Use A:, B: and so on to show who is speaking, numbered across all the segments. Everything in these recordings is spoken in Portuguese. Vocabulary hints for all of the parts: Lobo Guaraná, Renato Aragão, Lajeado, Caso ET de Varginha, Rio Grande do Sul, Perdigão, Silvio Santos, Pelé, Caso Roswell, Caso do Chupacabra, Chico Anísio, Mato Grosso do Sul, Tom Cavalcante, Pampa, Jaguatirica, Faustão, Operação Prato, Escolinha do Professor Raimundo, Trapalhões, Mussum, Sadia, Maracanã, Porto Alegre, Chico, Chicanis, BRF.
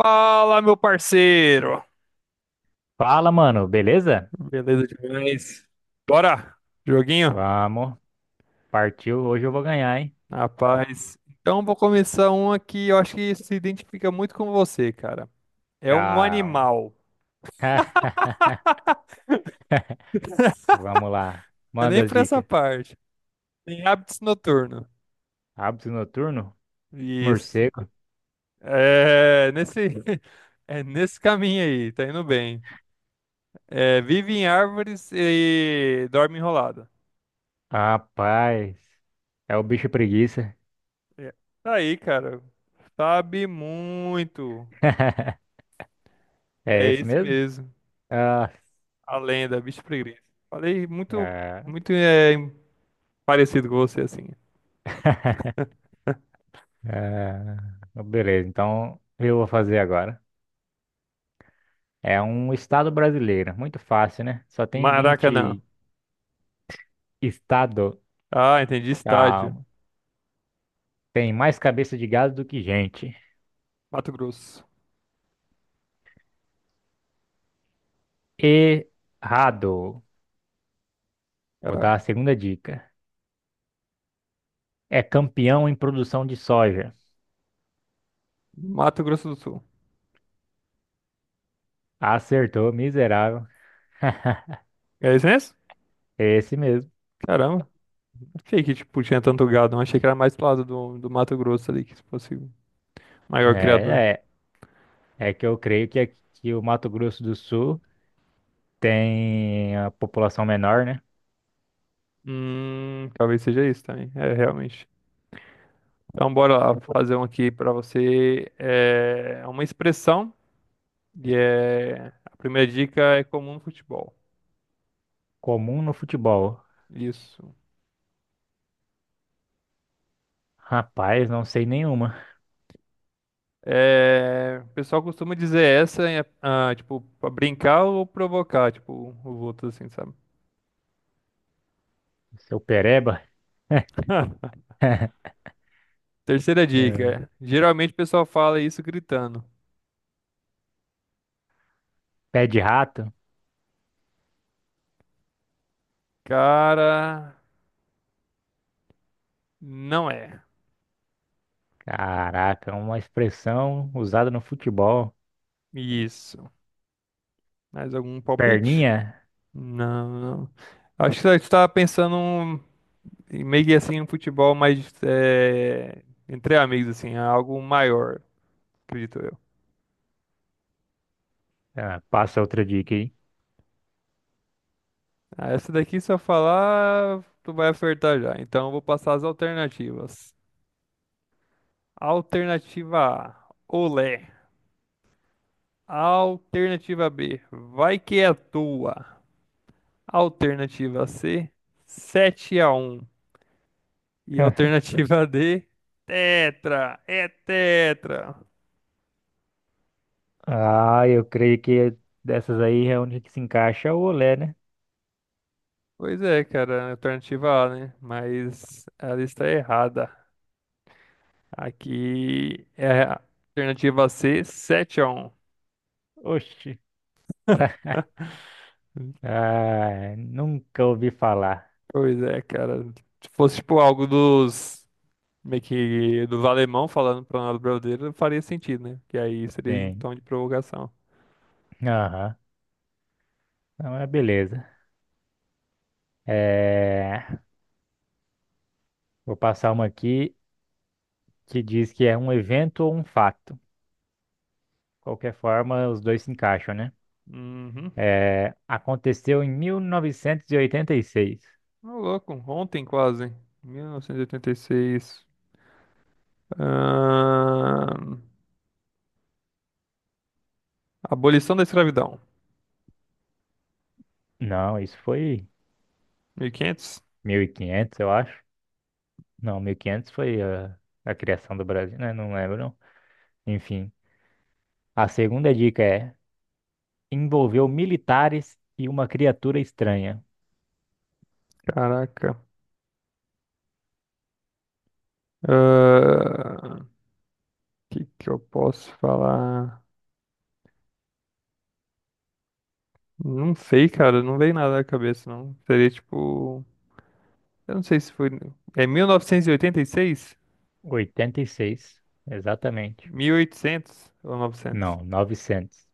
A: Fala, meu parceiro!
B: Fala, mano, beleza?
A: Beleza demais? Bora! Joguinho?
B: Vamos, partiu. Hoje eu vou ganhar, hein?
A: Rapaz. Então, vou começar um aqui, eu acho que se identifica muito com você, cara. É um
B: Calma.
A: animal.
B: Vamos lá.
A: Eu
B: Manda
A: nem
B: as
A: pra essa
B: dicas.
A: parte. Tem hábitos noturnos.
B: Hábito noturno?
A: Isso.
B: Morcego?
A: É nesse, é nesse caminho aí, tá indo bem. É, vive em árvores e dorme enrolada.
B: Rapaz, é o bicho preguiça.
A: É. Tá aí, cara. Sabe muito.
B: É
A: É
B: esse
A: esse
B: mesmo?
A: mesmo.
B: Ah,
A: A lenda, bicho preguiça. Falei muito,
B: ah,
A: muito parecido com você, assim.
B: ah. Beleza, então eu vou fazer agora. É um estado brasileiro, muito fácil, né? Só tem
A: Maracanã.
B: 20 estado.
A: Ah, entendi. Estádio.
B: Calma. Tem mais cabeça de gado do que gente.
A: Mato Grosso.
B: Errado. Vou
A: Caraca.
B: dar a segunda dica. É campeão em produção de soja.
A: Mato Grosso do Sul.
B: Acertou, miserável.
A: É isso mesmo?
B: Esse mesmo.
A: Caramba. Achei que, tipo, tinha tanto gado. Não achei que era mais pro lado do Mato Grosso ali, que fosse o maior criador.
B: É, é. É que eu creio que aqui o Mato Grosso do Sul tem a população menor, né?
A: Talvez seja isso também. É, realmente. Então, bora lá fazer um aqui pra você. É uma expressão. A primeira dica é comum no futebol.
B: Comum no futebol.
A: Isso.
B: Rapaz, não sei nenhuma.
A: É, o pessoal costuma dizer essa, tipo, pra brincar ou provocar, tipo, os outros, assim, sabe?
B: Seu pereba,
A: Terceira dica.
B: é,
A: Geralmente o pessoal fala isso gritando.
B: pé de rato.
A: Cara, não é.
B: Caraca, uma expressão usada no futebol.
A: Isso. Mais algum palpite?
B: Perninha.
A: Não, não. Acho que você estava pensando em meio que assim, um futebol mais entre amigos, assim, algo maior, acredito eu.
B: Ah, passa outra dica aí.
A: Ah, essa daqui, se eu falar, tu vai acertar já. Então, eu vou passar as alternativas. Alternativa A, olé. Alternativa B, vai que é tua. Alternativa C, 7 a um. E alternativa D, tetra, é tetra.
B: Ah, eu creio que dessas aí é onde que se encaixa o olé, né?
A: Pois é, cara, alternativa A, né? Mas ela está errada. Aqui é a alternativa C, 7 a um.
B: Oxi. Ah, nunca ouvi falar.
A: Pois é, cara. Se fosse tipo algo dos meio que dos alemão falando para nós brasileiros, faria sentido, né? Que aí seria em
B: Sim.
A: tom de provocação.
B: Aham. Não, é beleza. É, vou passar uma aqui que diz que é um evento ou um fato. Qualquer forma, os dois se encaixam, né?
A: Uhum.
B: É, aconteceu em 1986.
A: Ô, louco, ontem quase, 1986. Ahn, Abolição da escravidão,
B: Não, isso foi
A: 1500.
B: 1500, eu acho. Não, 1500 foi a, criação do Brasil, né? Não lembro, não. Enfim. A segunda dica é: envolveu militares e uma criatura estranha.
A: Caraca. O que que eu posso falar? Não sei, cara, não veio nada na cabeça, não. Seria tipo, eu não sei se foi, é 1986,
B: 86, exatamente.
A: 1800 ou 900.
B: Não, 900.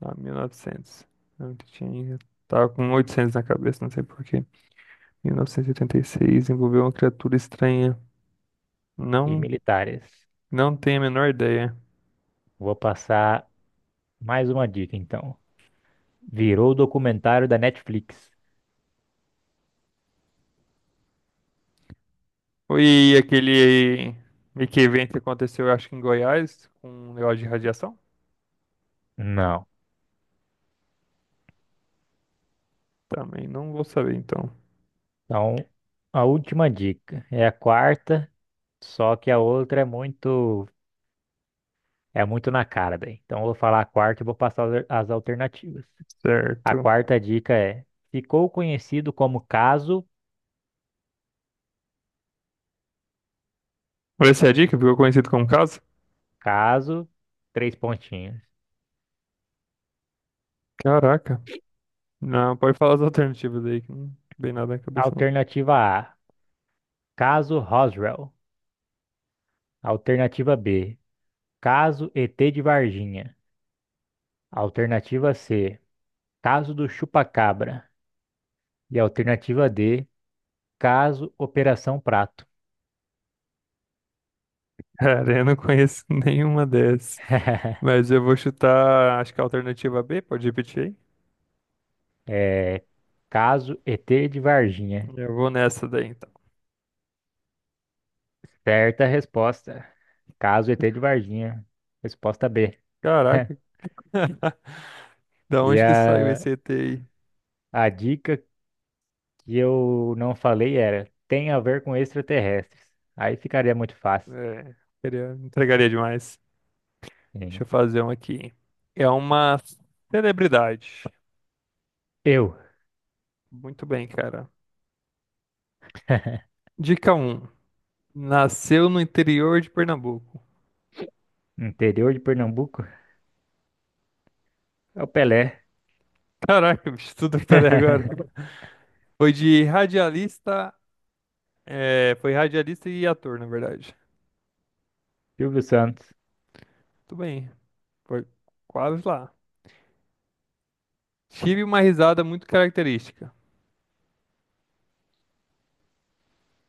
A: Ah, 1900. Não, eu tinha. Tava com 800 na cabeça, não sei por quê. 1986 envolveu uma criatura estranha.
B: E
A: Não,
B: militares.
A: não tenho a menor ideia.
B: Vou passar mais uma dica, então. Virou documentário da Netflix.
A: E aquele meio evento que aconteceu, eu acho que em Goiás, com um negócio de radiação?
B: Não.
A: Também não vou saber, então.
B: Então, a última dica é a quarta, só que a outra muito na cara daí. Então, eu vou falar a quarta e vou passar as alternativas. A
A: Certo.
B: quarta dica é: ficou conhecido como caso,
A: Essa é a dica, ficou conhecido como caso?
B: caso, três pontinhos.
A: Caraca. Não, pode falar as alternativas aí, que não vem nada na cabeça, não.
B: Alternativa A, caso Roswell. Alternativa B, caso ET de Varginha. Alternativa C, caso do Chupacabra. E alternativa D, caso Operação Prato.
A: Cara, eu não conheço nenhuma dessas. Mas eu vou chutar, acho que a alternativa B, pode repetir
B: É, caso ET de
A: aí?
B: Varginha.
A: Eu vou nessa daí, então.
B: Certa resposta. Caso ET de Varginha. Resposta B.
A: Caraca, da
B: E
A: onde que saiu
B: a,
A: esse ET aí?
B: a dica que eu não falei era: tem a ver com extraterrestres. Aí ficaria muito fácil.
A: É, queria, entregaria demais. Deixa
B: Sim.
A: eu fazer um aqui. É uma celebridade.
B: Eu.
A: Muito bem, cara. Dica um. Nasceu no interior de Pernambuco.
B: Interior de Pernambuco? É o Pelé.
A: Caraca, bicho, tudo pera aí agora. Foi de radialista, Foi radialista e ator, na verdade.
B: Silvio Santos.
A: Tudo bem, foi quase lá. Tive uma risada muito característica.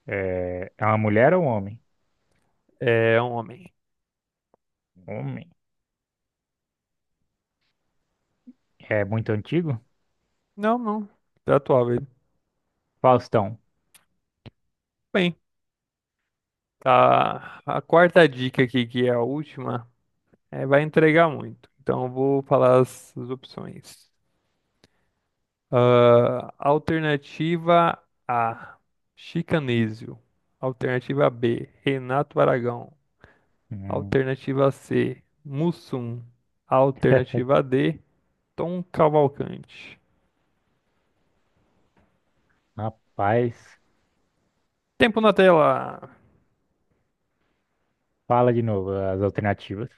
B: É, é uma mulher ou um homem?
A: É um homem.
B: Homem. É muito antigo?
A: Não, não. Tá atual, ele.
B: Faustão.
A: Bem, a quarta dica aqui, que é a última, vai entregar muito. Então, eu vou falar as opções. Ah, alternativa A, Chicanísio. Alternativa B, Renato Aragão.
B: Hum.
A: Alternativa C, Mussum. Alternativa D, Tom Cavalcante.
B: Rapaz,
A: Tempo na tela.
B: fala de novo as alternativas.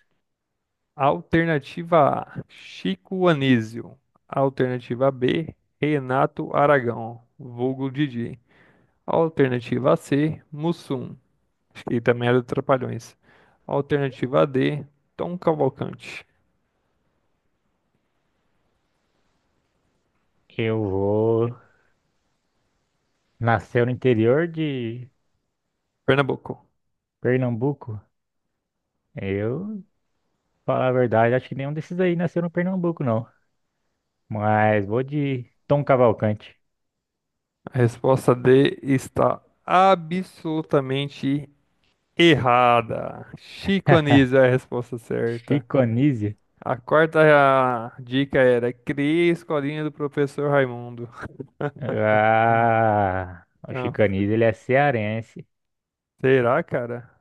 A: Alternativa A, Chico Anísio. Alternativa B, Renato Aragão, vulgo Didi. Alternativa C, Mussum, acho que também era do Trapalhões. Alternativa D, Tom Cavalcante,
B: Eu vou. Nasceu no interior de
A: Pernambuco.
B: Pernambuco? Eu, falar a verdade, acho que nenhum desses aí nasceu no Pernambuco, não. Mas vou de Tom Cavalcante.
A: A resposta D está absolutamente errada. Chico Anísio é a resposta certa.
B: Chico
A: A quarta dica era, criei a escolinha do professor Raimundo.
B: Ah, o
A: Então,
B: Chicanis, ele é cearense.
A: será, cara?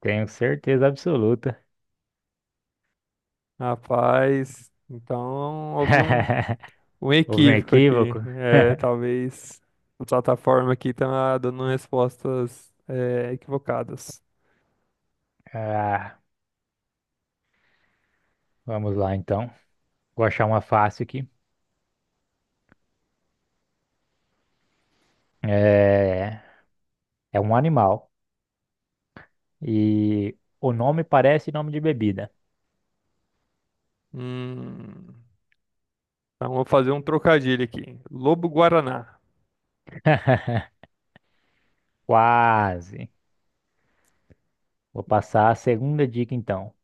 B: Tenho certeza absoluta.
A: Rapaz, então houve um, um
B: Houve um
A: equívoco aqui.
B: equívoco.
A: É, talvez a plataforma aqui tá dando respostas equivocadas.
B: Ah, vamos lá então. Vou achar uma fácil aqui. É, é um animal. E o nome parece nome de bebida.
A: Hum, então vou fazer um trocadilho aqui. Lobo Guaraná.
B: Quase. Vou passar a segunda dica então.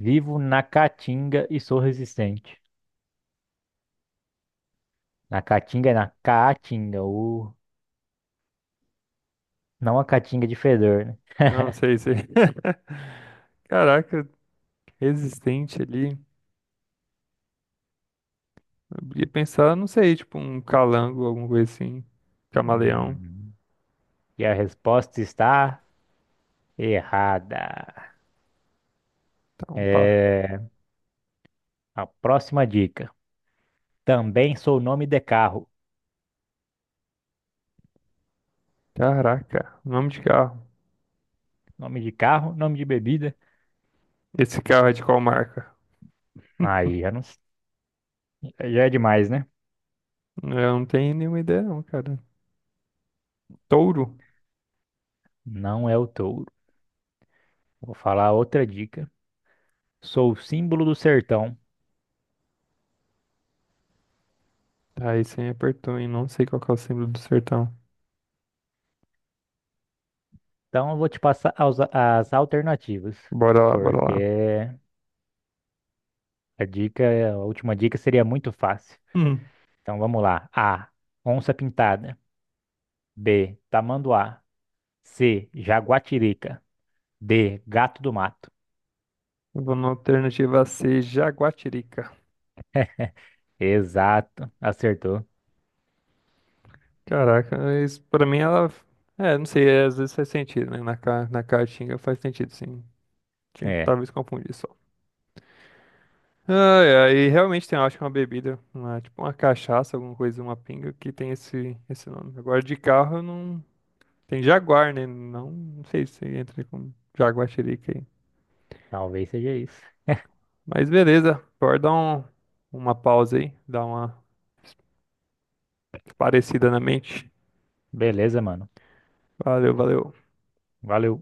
B: Vivo na caatinga e sou resistente. Na caatinga é na caatinga, não a caatinga de fedor, né?
A: Não sei se. Caraca, resistente ali. Eu ia pensar, não sei, tipo um calango, alguma coisa assim. Camaleão.
B: Hum. E a resposta está errada.
A: Então, pá.
B: É a próxima dica. Também sou nome de carro.
A: Caraca, nome de carro.
B: Nome de carro, nome de bebida.
A: Esse carro é de qual marca?
B: Aí já não, já é demais, né?
A: É, eu não tenho nenhuma ideia não, cara. Touro?
B: Não é o touro. Vou falar outra dica. Sou o símbolo do sertão.
A: Aí você me apertou, hein? Não sei qual que é o símbolo do sertão.
B: Então eu vou te passar as alternativas,
A: Bora lá, bora
B: porque
A: lá.
B: a dica, a última dica seria muito fácil.
A: Hum.
B: Então vamos lá. A. Onça pintada. B. Tamanduá. C. Jaguatirica. D, gato do mato.
A: Eu vou na alternativa C, Jaguatirica.
B: Exato, acertou.
A: Caraca, mas pra mim ela. É, não sei, às vezes faz sentido, né? Na Caatinga faz sentido, sim.
B: É,
A: Talvez confundir só. Ai, ai, e realmente tem, eu acho que é uma bebida, tipo uma cachaça, alguma coisa, uma pinga, que tem esse nome. Agora de carro eu não. Tem Jaguar, né? Não, não sei se entra com Jaguatirica aí.
B: talvez seja isso.
A: Mas beleza, pode dar uma pausa aí, dar uma parecida na mente.
B: Beleza, mano.
A: Valeu, valeu.
B: Valeu.